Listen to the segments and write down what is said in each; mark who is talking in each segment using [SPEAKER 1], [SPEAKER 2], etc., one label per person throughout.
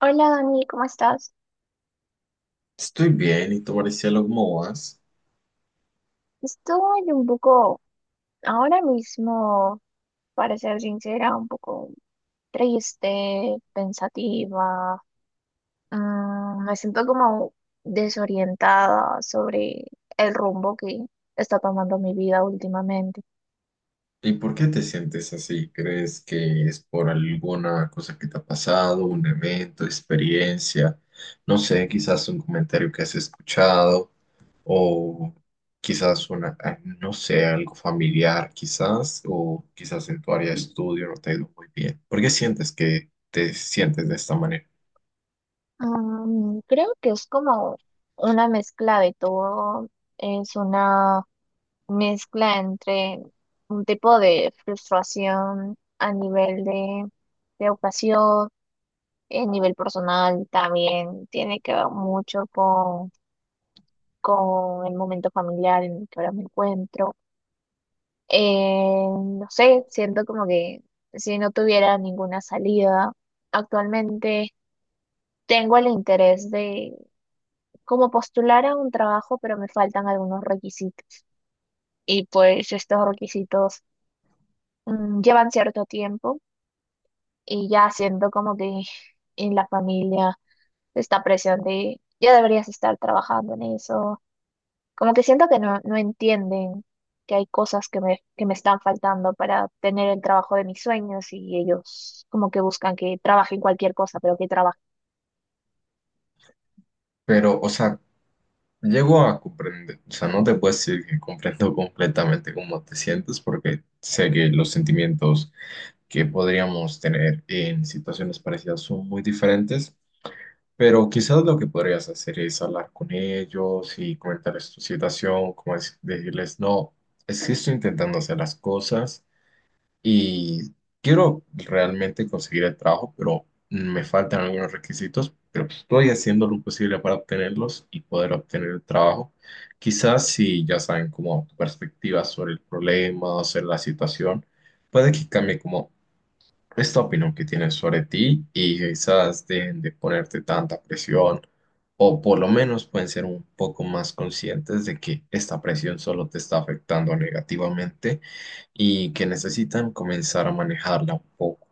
[SPEAKER 1] Hola Dani, ¿cómo estás?
[SPEAKER 2] Estoy bien, y tú, Maricielo, ¿cómo vas?
[SPEAKER 1] Estoy un poco, ahora mismo, para ser sincera, un poco triste, pensativa. Me siento como desorientada sobre el rumbo que está tomando mi vida últimamente.
[SPEAKER 2] ¿Y por qué te sientes así? ¿Crees que es por alguna cosa que te ha pasado, un evento, experiencia? No sé, quizás un comentario que has escuchado o quizás una, no sé, algo familiar, quizás, o quizás en tu área de estudio no te ha ido muy bien. ¿Por qué sientes que te sientes de esta manera?
[SPEAKER 1] Creo que es como una mezcla de todo. Es una mezcla entre un tipo de frustración a nivel de educación, a nivel personal también tiene que ver mucho con el momento familiar en el que ahora me encuentro. No sé, siento como que si no tuviera ninguna salida, actualmente tengo el interés de como postular a un trabajo, pero me faltan algunos requisitos. Y pues estos requisitos llevan cierto tiempo y ya siento como que en la familia esta presión de ya deberías estar trabajando en eso. Como que siento que no, no entienden que hay cosas que que me están faltando para tener el trabajo de mis sueños, y ellos como que buscan que trabaje en cualquier cosa, pero que trabaje.
[SPEAKER 2] Pero, o sea, llego a comprender, o sea, no te puedo decir que comprendo completamente cómo te sientes, porque sé que los sentimientos que podríamos tener en situaciones parecidas son muy diferentes, pero quizás lo que podrías hacer es hablar con ellos y comentarles tu situación, como decirles, no, es que estoy intentando hacer las cosas y quiero realmente conseguir el trabajo, pero me faltan algunos requisitos, pero estoy haciendo lo posible para obtenerlos y poder obtener el trabajo. Quizás si ya saben como tu perspectiva sobre el problema o sobre la situación, puede que cambie como esta opinión que tienes sobre ti y quizás dejen de ponerte tanta presión o por lo menos pueden ser un poco más conscientes de que esta presión solo te está afectando negativamente y que necesitan comenzar a manejarla un poco.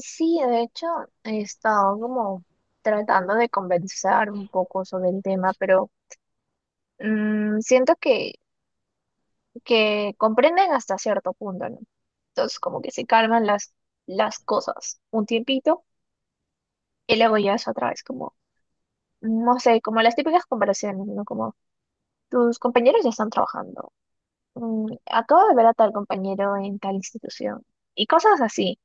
[SPEAKER 1] Sí, de hecho, he estado como tratando de conversar un poco sobre el tema, pero siento que comprenden hasta cierto punto, ¿no? Entonces como que se calman las cosas un tiempito, y luego ya es otra vez como, no sé, como las típicas comparaciones, ¿no? Como tus compañeros ya están trabajando, mm, acabo de ver a tal compañero en tal institución y cosas así.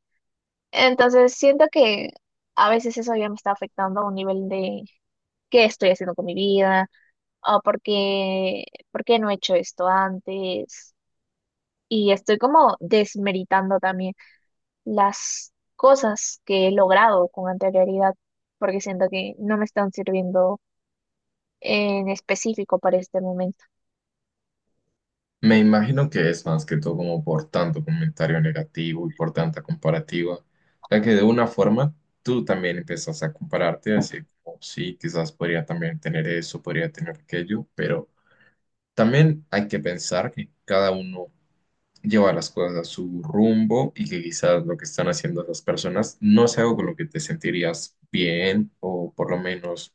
[SPEAKER 1] Entonces siento que a veces eso ya me está afectando a un nivel de qué estoy haciendo con mi vida o por por qué no he hecho esto antes, y estoy como desmeritando también las cosas que he logrado con anterioridad, porque siento que no me están sirviendo en específico para este momento.
[SPEAKER 2] Me imagino que es más que todo como por tanto comentario negativo y por tanta comparativa, ya que de una forma tú también empiezas a compararte, así como sí, quizás podría también tener eso, podría tener aquello, pero también hay que pensar que cada uno lleva las cosas a su rumbo y que quizás lo que están haciendo las personas no es algo con lo que te sentirías bien o por lo menos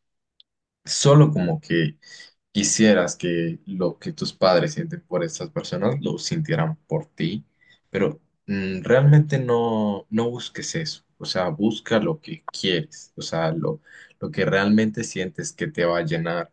[SPEAKER 2] solo como que quisieras que lo que tus padres sienten por estas personas lo sintieran por ti, pero realmente no, no busques eso. O sea, busca lo que quieres, o sea, lo que realmente sientes que te va a llenar.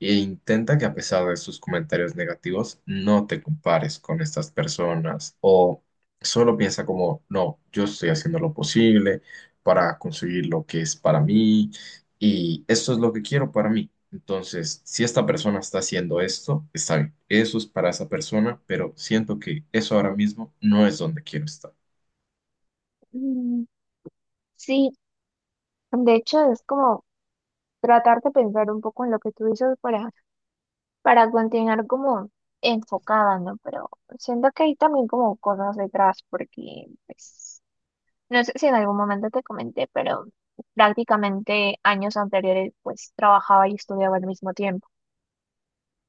[SPEAKER 2] E intenta que a pesar de sus comentarios negativos, no te compares con estas personas o solo piensa como, no, yo estoy haciendo lo posible para conseguir lo que es para mí y esto es lo que quiero para mí. Entonces, si esta persona está haciendo esto, está bien. Eso es para esa persona, pero siento que eso ahora mismo no es donde quiero estar.
[SPEAKER 1] Mm, sí, de hecho es como tratar de pensar un poco en lo que tú dices para continuar como enfocada, ¿no? Pero siento que hay también como cosas detrás, porque pues, no sé si en algún momento te comenté, pero prácticamente años anteriores pues trabajaba y estudiaba al mismo tiempo.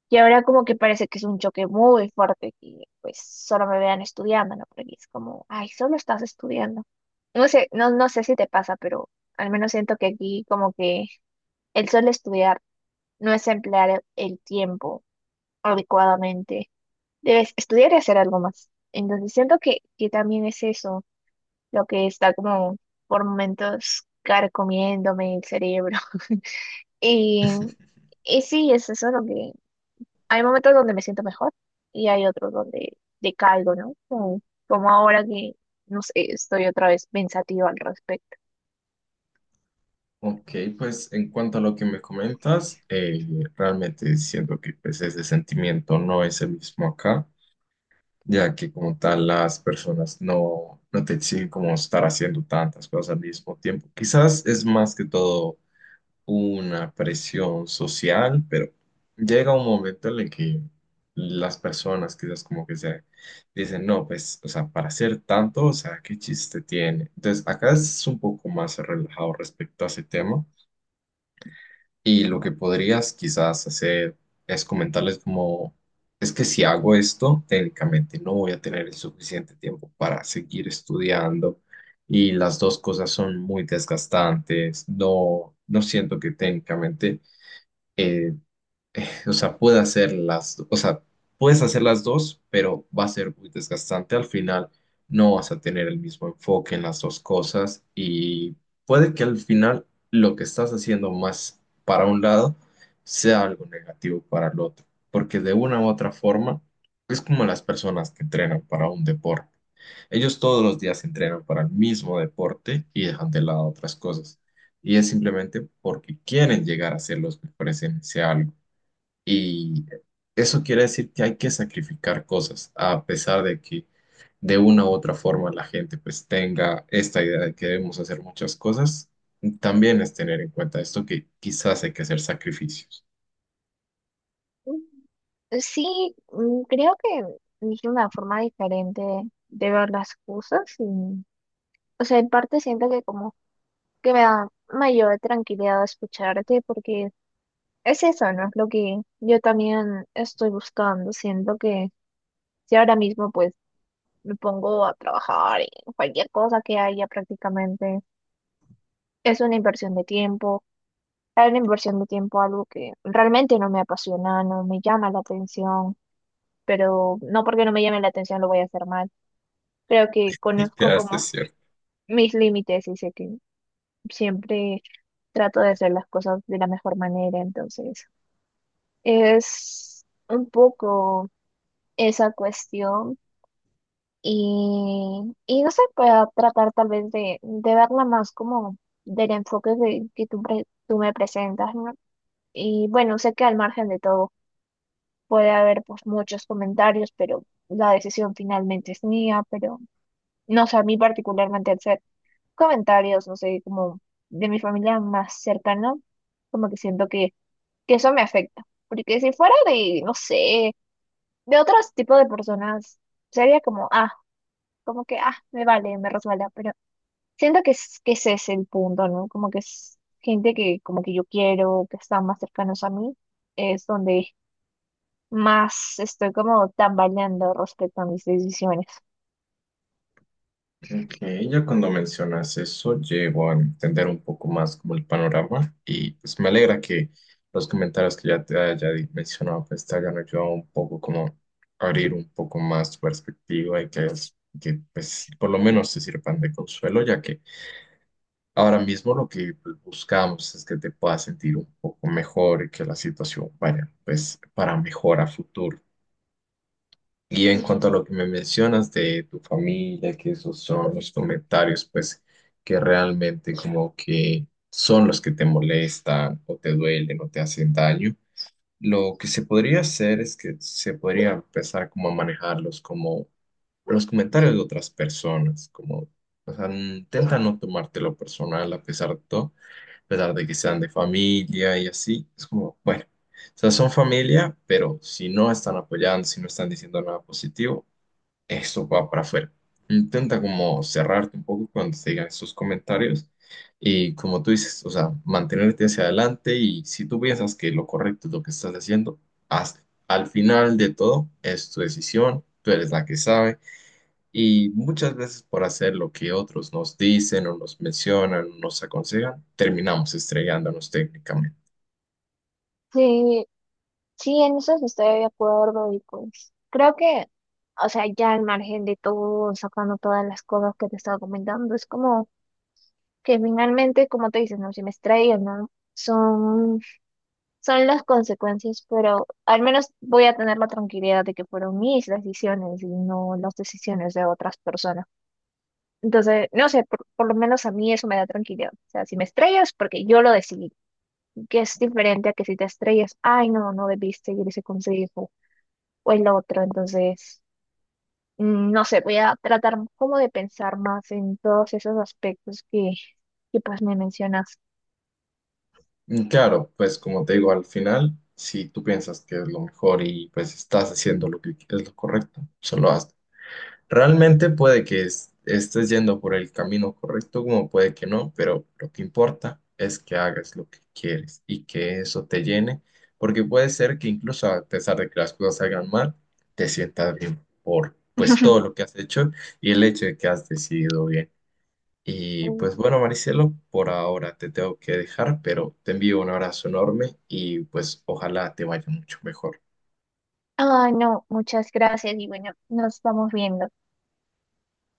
[SPEAKER 1] Y ahora como que parece que es un choque muy fuerte que pues solo me vean estudiando, ¿no? Porque es como, ay, solo estás estudiando. No sé, no, no sé si te pasa, pero al menos siento que aquí como que el solo estudiar no es emplear el tiempo adecuadamente. Debes estudiar y hacer algo más. Entonces siento que también es eso lo que está como por momentos carcomiéndome el cerebro. Y, y sí, es eso lo que hay momentos donde me siento mejor y hay otros donde decaigo, ¿no? Como, como ahora que, no sé, estoy otra vez pensativa al respecto.
[SPEAKER 2] Ok, pues en cuanto a lo que me comentas, realmente siento que pues, ese sentimiento no es el mismo acá, ya que como tal las personas no, no te exigen como estar haciendo tantas cosas al mismo tiempo. Quizás es más que todo una presión social, pero llega un momento en el que las personas quizás como que se dicen, no, pues, o sea, para hacer tanto, o sea, ¿qué chiste tiene? Entonces, acá es un poco más relajado respecto a ese tema y lo que podrías quizás hacer es comentarles como, es que si hago esto, técnicamente no voy a tener el suficiente tiempo para seguir estudiando. Y las dos cosas son muy desgastantes. No, no siento que técnicamente eh, o sea, o sea, puedes hacer las dos, pero va a ser muy desgastante al final. No vas a tener el mismo enfoque en las dos cosas y puede que al final lo que estás haciendo más para un lado sea algo negativo para el otro, porque de una u otra forma es como las personas que entrenan para un deporte. Ellos todos los días entrenan para el mismo deporte y dejan de lado otras cosas. Y es simplemente porque quieren llegar a ser los mejores en ese algo. Y eso quiere decir que hay que sacrificar cosas, a pesar de que de una u otra forma la gente pues tenga esta idea de que debemos hacer muchas cosas. También es tener en cuenta esto que quizás hay que hacer sacrificios.
[SPEAKER 1] Sí, mm, creo que es una forma diferente de ver las cosas y, o sea, en parte siento que como que me da mayor tranquilidad escucharte, porque es eso, ¿no? Es lo que yo también estoy buscando. Siento que si ahora mismo pues me pongo a trabajar en cualquier cosa que haya prácticamente es una inversión de tiempo, es una inversión de tiempo, algo que realmente no me apasiona, no me llama la atención, pero no porque no me llame la atención lo voy a hacer mal. Creo que
[SPEAKER 2] Y que
[SPEAKER 1] conozco
[SPEAKER 2] hasta
[SPEAKER 1] como
[SPEAKER 2] cierto.
[SPEAKER 1] mis límites y sé que siempre trato de hacer las cosas de la mejor manera, entonces es un poco esa cuestión y, y no sé, pueda tratar tal vez de verla más como del enfoque de, que tú me presentas, ¿no? Y bueno, sé que al margen de todo puede haber pues muchos comentarios, pero la decisión finalmente es mía, pero no sé, a mí particularmente al ser comentarios, no sé, como de mi familia más cercana, como que siento que eso me afecta. Porque si fuera de, no sé, de otros tipos de personas, sería como, ah, como que, ah, me vale, me resbala, pero siento que, que ese es el punto, ¿no? Como que es gente que como que yo quiero, que están más cercanos a mí, es donde más estoy como tambaleando respecto a mis decisiones.
[SPEAKER 2] Ok, ya cuando mencionas eso, llego a entender un poco más como el panorama y pues me alegra que los comentarios que ya te haya mencionado pues te hayan ayudado un poco como a abrir un poco más tu perspectiva y que pues por lo menos te sirvan de consuelo, ya que ahora mismo lo que pues, buscamos es que te puedas sentir un poco mejor y que la situación vaya pues para mejor a futuro. Y en cuanto a lo que me mencionas de tu familia, que esos son los comentarios, pues, que realmente como que son los que te molestan o te duelen o te hacen daño, lo que se podría hacer es que se podría empezar como a manejarlos como los comentarios de otras personas, como, o sea, intenta no tomártelo personal a pesar de todo a pesar de que sean de familia y así, es como, bueno, o sea, son familia, pero si no están apoyando, si no están diciendo nada positivo, esto va para afuera. Intenta como cerrarte un poco cuando te digan esos comentarios y como tú dices, o sea, mantenerte hacia adelante y si tú piensas que lo correcto es lo que estás haciendo, hazlo. Al final de todo, es tu decisión, tú eres la que sabe y muchas veces por hacer lo que otros nos dicen o nos mencionan o nos aconsejan, terminamos estrellándonos técnicamente.
[SPEAKER 1] Sí, sí, en eso sí estoy de acuerdo y pues creo que, o sea, ya al margen de todo, sacando todas las cosas que te estaba comentando, es como que finalmente, como te dices no, si me estrello, ¿no? Son, son las consecuencias, pero al menos voy a tener la tranquilidad de que fueron mis decisiones y no las decisiones de otras personas. Entonces, no sé, por lo menos a mí eso me da tranquilidad. O sea, si me estrello es porque yo lo decidí. Que es diferente a que si te estrellas, ay, no, no debiste seguir ese consejo o el otro. Entonces, mm, no sé, voy a tratar como de pensar más en todos esos aspectos que pues me mencionas.
[SPEAKER 2] Y claro, pues como te digo, al final, si tú piensas que es lo mejor y pues estás haciendo lo que es lo correcto, solo hazlo. Realmente puede que estés yendo por el camino correcto, como puede que no, pero lo que importa es que hagas lo que quieres y que eso te llene, porque puede ser que incluso a pesar de que las cosas salgan mal, te sientas bien por pues todo lo que has hecho y el hecho de que has decidido bien. Y pues bueno, Maricelo, por ahora te tengo que dejar, pero te envío un abrazo enorme y pues ojalá te vaya mucho mejor.
[SPEAKER 1] Ay, no, muchas gracias y bueno, nos vamos viendo.